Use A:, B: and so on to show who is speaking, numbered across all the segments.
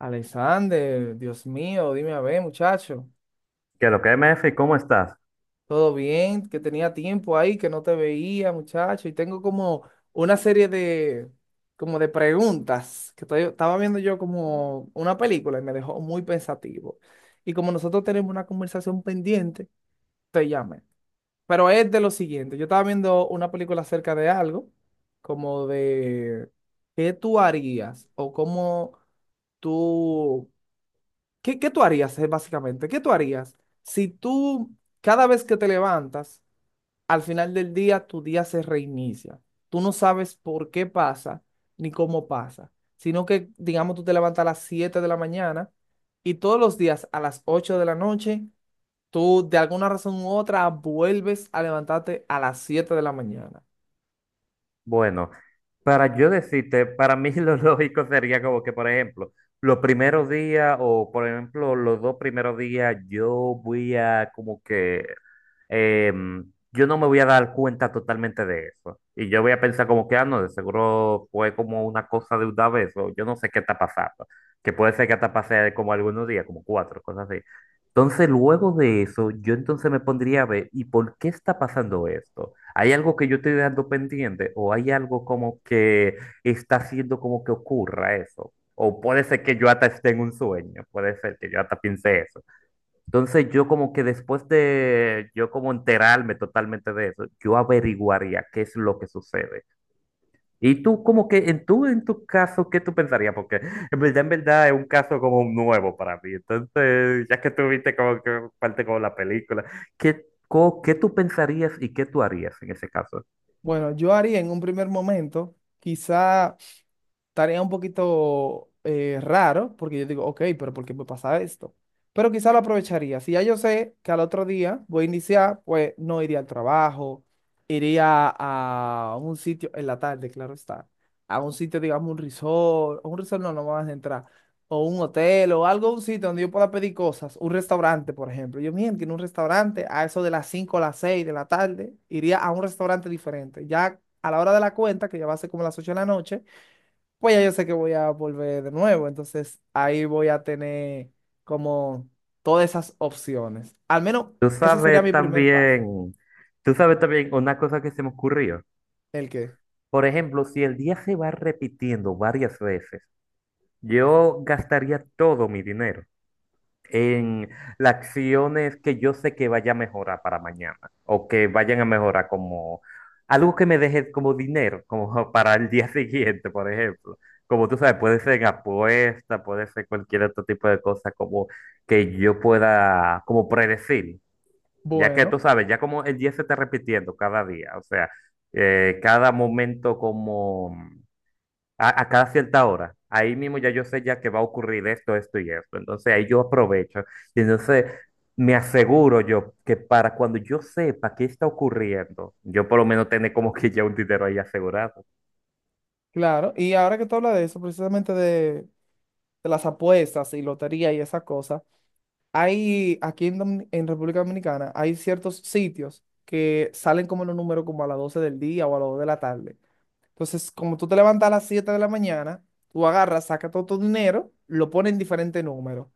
A: Alexander, Dios mío, dime a ver, muchacho.
B: Qué lo que MF, ¿cómo estás?
A: ¿Todo bien? Que tenía tiempo ahí, que no te veía, muchacho. Y tengo como una serie de, como de preguntas que estaba viendo yo como una película y me dejó muy pensativo. Y como nosotros tenemos una conversación pendiente, te llamé. Pero es de lo siguiente, yo estaba viendo una película acerca de algo, como de qué tú harías o cómo tú. ¿Qué tú harías, básicamente? ¿Qué tú harías si tú, cada vez que te levantas, al final del día, tu día se reinicia? Tú no sabes por qué pasa ni cómo pasa, sino que, digamos, tú te levantas a las 7 de la mañana y todos los días a las 8 de la noche, tú de alguna razón u otra vuelves a levantarte a las 7 de la mañana.
B: Bueno, para yo decirte, para mí lo lógico sería como que, por ejemplo, los primeros días o, por ejemplo, los dos primeros días, yo voy a como que, yo no me voy a dar cuenta totalmente de eso. Y yo voy a pensar como que, ah, no, de seguro fue como una cosa de una vez o yo no sé qué está pasando. Que puede ser que hasta pase como algunos días, como cuatro, cosas así. Entonces, luego de eso, yo entonces me pondría a ver, ¿y por qué está pasando esto? ¿Hay algo que yo estoy dejando pendiente o hay algo como que está haciendo como que ocurra eso? O puede ser que yo hasta esté en un sueño, puede ser que yo hasta piense eso. Entonces yo como que después de yo como enterarme totalmente de eso, yo averiguaría qué es lo que sucede. Y tú como que en en tu caso, ¿qué tú pensarías? Porque en verdad es un caso como nuevo para mí. Entonces, ya que tú viste como que parte como la película, ¿qué, qué tú pensarías y qué tú harías en ese caso?
A: Bueno, yo haría en un primer momento, quizá tarea un poquito raro, porque yo digo, ok, pero ¿por qué me pasa esto? Pero quizá lo aprovecharía. Si ya yo sé que al otro día voy a iniciar, pues no iría al trabajo, iría a un sitio en la tarde, claro está, a un sitio, digamos, un resort, o un resort no, no me vas a entrar, o un hotel, o algo, un sitio donde yo pueda pedir cosas, un restaurante, por ejemplo. Yo, miren, que en un restaurante, a eso de las 5 o las 6 de la tarde, iría a un restaurante diferente. Ya a la hora de la cuenta, que ya va a ser como las 8 de la noche, pues ya yo sé que voy a volver de nuevo. Entonces ahí voy a tener como todas esas opciones. Al menos
B: Tú
A: ese sería
B: sabes
A: mi primer paso.
B: también, tú sabes también una cosa que se me ocurrió.
A: ¿El qué?
B: Por ejemplo, si el día se va repitiendo varias veces, yo gastaría todo mi dinero en las acciones que yo sé que vaya a mejorar para mañana o que vayan a mejorar como algo que me deje como dinero, como para el día siguiente, por ejemplo. Como tú sabes, puede ser en apuesta, puede ser cualquier otro tipo de cosa como que yo pueda como predecir. Ya que
A: Bueno,
B: tú sabes, ya como el día se está repitiendo cada día, o sea, cada momento como a cada cierta hora, ahí mismo ya yo sé ya que va a ocurrir esto, esto y esto. Entonces ahí yo aprovecho y entonces me aseguro yo que para cuando yo sepa qué está ocurriendo, yo por lo menos tener como que ya un dinero ahí asegurado.
A: claro. Y ahora que tú hablas de eso, precisamente de las apuestas y lotería y esas cosas, hay aquí en República Dominicana, hay ciertos sitios que salen como en un número como a las 12 del día o a las 2 de la tarde. Entonces, como tú te levantas a las 7 de la mañana, tú agarras, sacas todo tu dinero, lo pones en diferente números.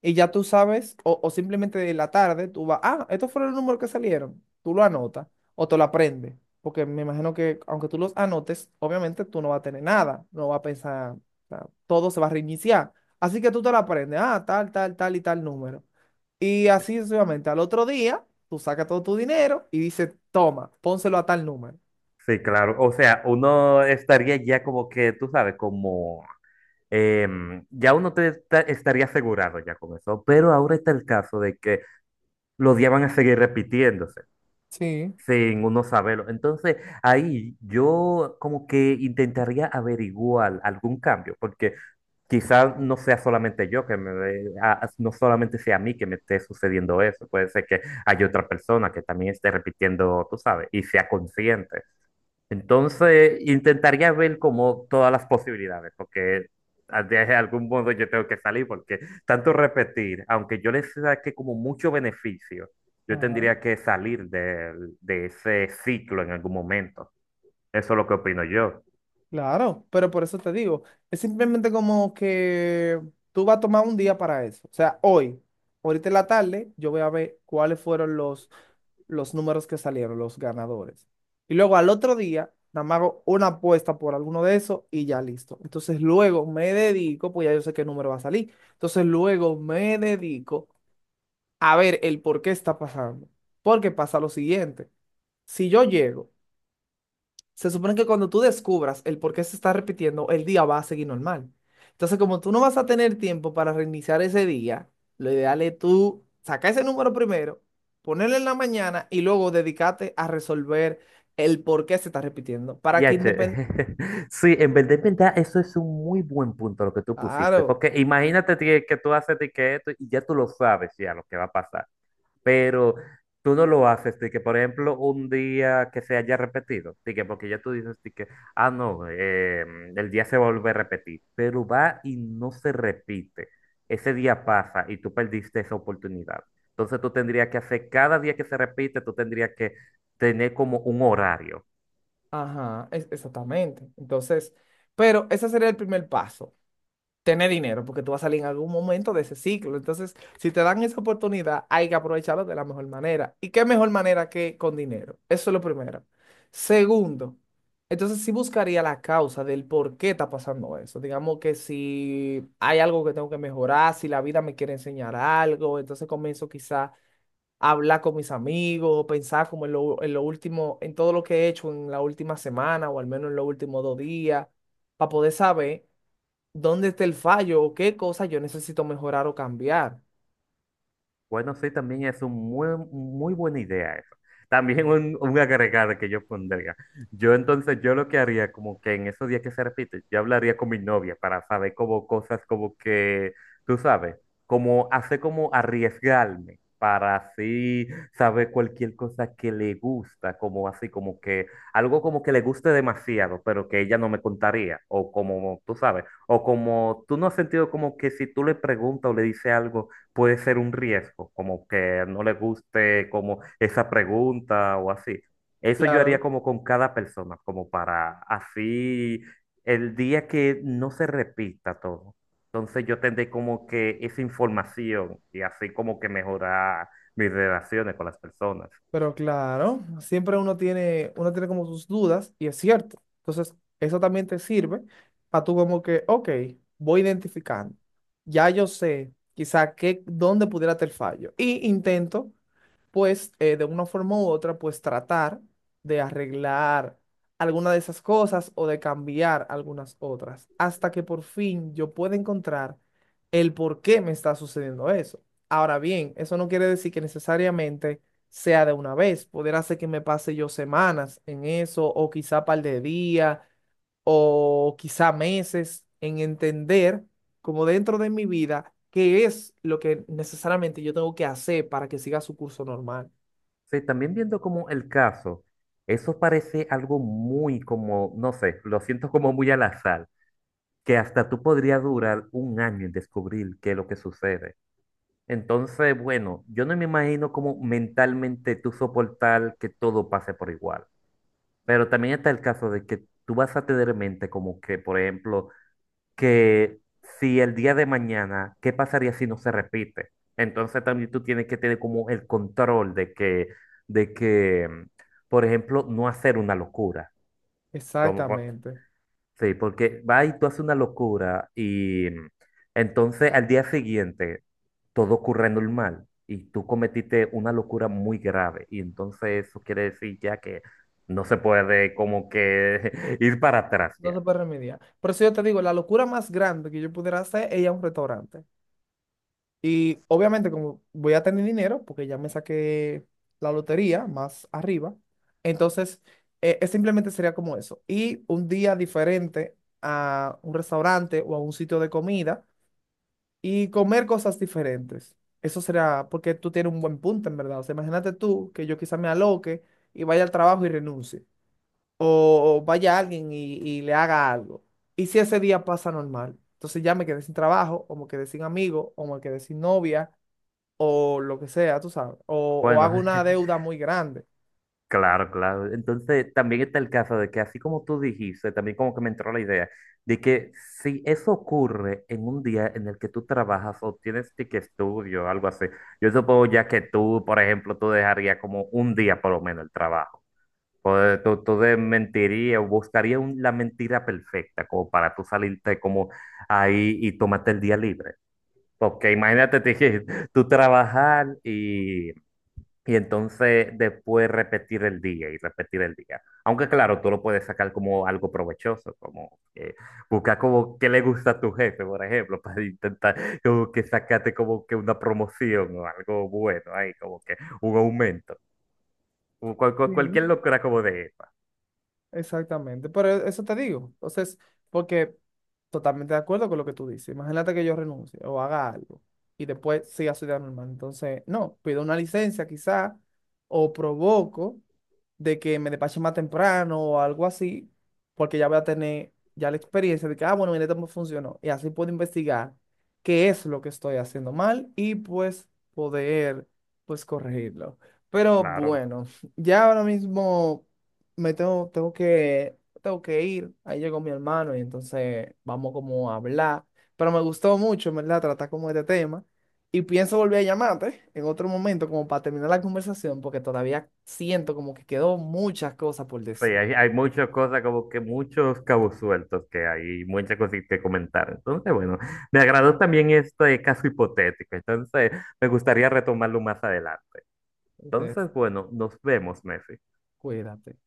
A: Y ya tú sabes, o simplemente de la tarde, tú vas, ah, estos fueron los números que salieron. Tú lo anotas o te lo aprendes. Porque me imagino que aunque tú los anotes, obviamente tú no vas a tener nada, no vas a pensar, o sea, todo se va a reiniciar. Así que tú te lo aprendes, ah, tal, tal, tal y tal número. Y así sucesivamente, al otro día, tú sacas todo tu dinero y dices, toma, pónselo a tal número.
B: Sí, claro. O sea, uno estaría ya como que, tú sabes, como ya uno estaría asegurado ya con eso. Pero ahora está el caso de que los días van a seguir repitiéndose
A: Sí.
B: sin uno saberlo. Entonces, ahí yo como que intentaría averiguar algún cambio, porque quizás no sea solamente yo que me, no solamente sea a mí que me esté sucediendo eso, puede ser que haya otra persona que también esté repitiendo, tú sabes, y sea consciente. Entonces, intentaría ver como todas las posibilidades, porque de algún modo yo tengo que salir, porque tanto repetir, aunque yo les saque como mucho beneficio, yo tendría que salir de ese ciclo en algún momento. Eso es lo que opino yo.
A: Claro, pero por eso te digo, es simplemente como que tú vas a tomar un día para eso. O sea, hoy, ahorita en la tarde, yo voy a ver cuáles fueron los números que salieron, los ganadores. Y luego al otro día, nada más hago una apuesta por alguno de esos y ya listo. Entonces luego me dedico, pues ya yo sé qué número va a salir. Entonces luego me dedico a ver el por qué está pasando. Porque pasa lo siguiente. Si yo llego, se supone que cuando tú descubras el por qué se está repitiendo, el día va a seguir normal. Entonces, como tú no vas a tener tiempo para reiniciar ese día, lo ideal es tú sacar ese número primero, ponerlo en la mañana y luego dedicarte a resolver el por qué se está repitiendo. Para que
B: Ya, che.
A: independiente.
B: Sí, en verdad, eso es un muy buen punto lo que tú pusiste,
A: Claro,
B: porque imagínate que tú haces de que esto y ya tú lo sabes ya lo que va a pasar. Pero tú no lo haces, de que por ejemplo un día que se haya repetido, de que porque ya tú dices de que, ah, no, el día se vuelve a repetir, pero va y no se repite. Ese día pasa y tú perdiste esa oportunidad. Entonces tú tendrías que hacer cada día que se repite, tú tendrías que tener como un horario.
A: ajá, exactamente. Entonces, pero ese sería el primer paso, tener dinero, porque tú vas a salir en algún momento de ese ciclo. Entonces, si te dan esa oportunidad, hay que aprovecharlo de la mejor manera. ¿Y qué mejor manera que con dinero? Eso es lo primero. Segundo, entonces sí buscaría la causa del por qué está pasando eso. Digamos que si hay algo que tengo que mejorar, si la vida me quiere enseñar algo, entonces comienzo quizá a hablar con mis amigos, pensar como en lo último, en todo lo que he hecho en la última semana o al menos en los últimos 2 días, para poder saber dónde está el fallo o qué cosa yo necesito mejorar o cambiar.
B: Bueno, sí, también es un muy, muy buena idea eso. También un agregado que yo pondría. Yo entonces, yo lo que haría, como que en esos días que se repite, yo hablaría con mi novia para saber como cosas como que, tú sabes, como hacer como arriesgarme para así saber cualquier cosa que le gusta, como así, como que algo como que le guste demasiado, pero que ella no me contaría, o como, tú sabes, o como tú no has sentido como que si tú le preguntas o le dices algo puede ser un riesgo, como que no le guste como esa pregunta o así. Eso yo haría
A: Claro,
B: como con cada persona, como para así el día que no se repita todo. Entonces yo tendré como que esa información y así como que mejorar mis relaciones con las personas.
A: pero claro, siempre uno tiene como sus dudas y es cierto. Entonces, eso también te sirve para tú como que, ok, voy identificando. Ya yo sé quizá qué, dónde pudiera estar el fallo. Y intento pues de una forma u otra, pues tratar de arreglar alguna de esas cosas o de cambiar algunas otras, hasta que por fin yo pueda encontrar el por qué me está sucediendo eso. Ahora bien, eso no quiere decir que necesariamente sea de una vez, podría ser que me pase yo semanas en eso, o quizá par de días, o quizá meses en entender como dentro de mi vida qué es lo que necesariamente yo tengo que hacer para que siga su curso normal.
B: Sí, también viendo como el caso, eso parece algo muy como, no sé, lo siento como muy al azar, que hasta tú podría durar un año en descubrir qué es lo que sucede. Entonces, bueno, yo no me imagino cómo mentalmente tú soportar que todo pase por igual. Pero también está el caso de que tú vas a tener en mente como que, por ejemplo, que si el día de mañana, ¿qué pasaría si no se repite? Entonces también tú tienes que tener como el control de que, por ejemplo, no hacer una locura. Como, por-
A: Exactamente.
B: Sí, porque va y tú haces una locura y mm, entonces al día siguiente todo ocurre normal y tú cometiste una locura muy grave y entonces eso quiere decir ya que no se puede como que ir para atrás
A: No se
B: ya.
A: puede remediar. Por eso yo te digo, la locura más grande que yo pudiera hacer es ir a un restaurante. Y obviamente, como voy a tener dinero, porque ya me saqué la lotería más arriba, entonces simplemente sería como eso. Y un día diferente a un restaurante o a un sitio de comida y comer cosas diferentes. Eso será porque tú tienes un buen punto, en verdad. O sea, imagínate tú que yo quizá me aloque y vaya al trabajo y renuncie, o vaya alguien y le haga algo. Y si ese día pasa normal, entonces ya me quedé sin trabajo, o me quedé sin amigo, o me quedé sin novia, o lo que sea, tú sabes, o
B: Bueno,
A: hago una deuda muy grande.
B: claro, claro. Entonces, también está el caso de que, así como tú dijiste, también como que me entró la idea de que si eso ocurre en un día en el que tú trabajas o tienes que estudio o algo así, yo supongo ya que tú, por ejemplo, tú dejarías como un día por lo menos el trabajo. O tú, mentirías o buscarías la mentira perfecta como para tú salirte como ahí y tomarte el día libre. Porque imagínate, te dije, tú trabajar y entonces después repetir el día y repetir el día. Aunque claro, tú lo puedes sacar como algo provechoso, como buscar como qué le gusta a tu jefe, por ejemplo, para intentar como que sacarte como que una promoción o algo bueno ahí, como que un aumento. O cualquier
A: Sí.
B: locura como de esa,
A: Exactamente, pero eso te digo, entonces, porque totalmente de acuerdo con lo que tú dices. Imagínate que yo renuncie o haga algo y después siga su vida normal. Entonces, no, pido una licencia quizá o provoco de que me despachen más temprano o algo así, porque ya voy a tener ya la experiencia de que, ah, bueno, mira cómo funcionó. Y así puedo investigar qué es lo que estoy haciendo mal y pues poder, pues corregirlo. Pero
B: claro.
A: bueno, ya ahora mismo me tengo que ir. Ahí llegó mi hermano y entonces vamos como a hablar. Pero me gustó mucho, en ¿verdad? Tratar como este tema. Y pienso volver a llamarte en otro momento como para terminar la conversación porque todavía siento como que quedó muchas cosas por
B: Sí,
A: decir.
B: hay muchas cosas, como que muchos cabos sueltos que hay, y muchas cosas que comentar. Entonces, bueno, me agradó también este caso hipotético. Entonces, me gustaría retomarlo más adelante.
A: Entonces,
B: Entonces, bueno, nos vemos, Messi.
A: cuídate.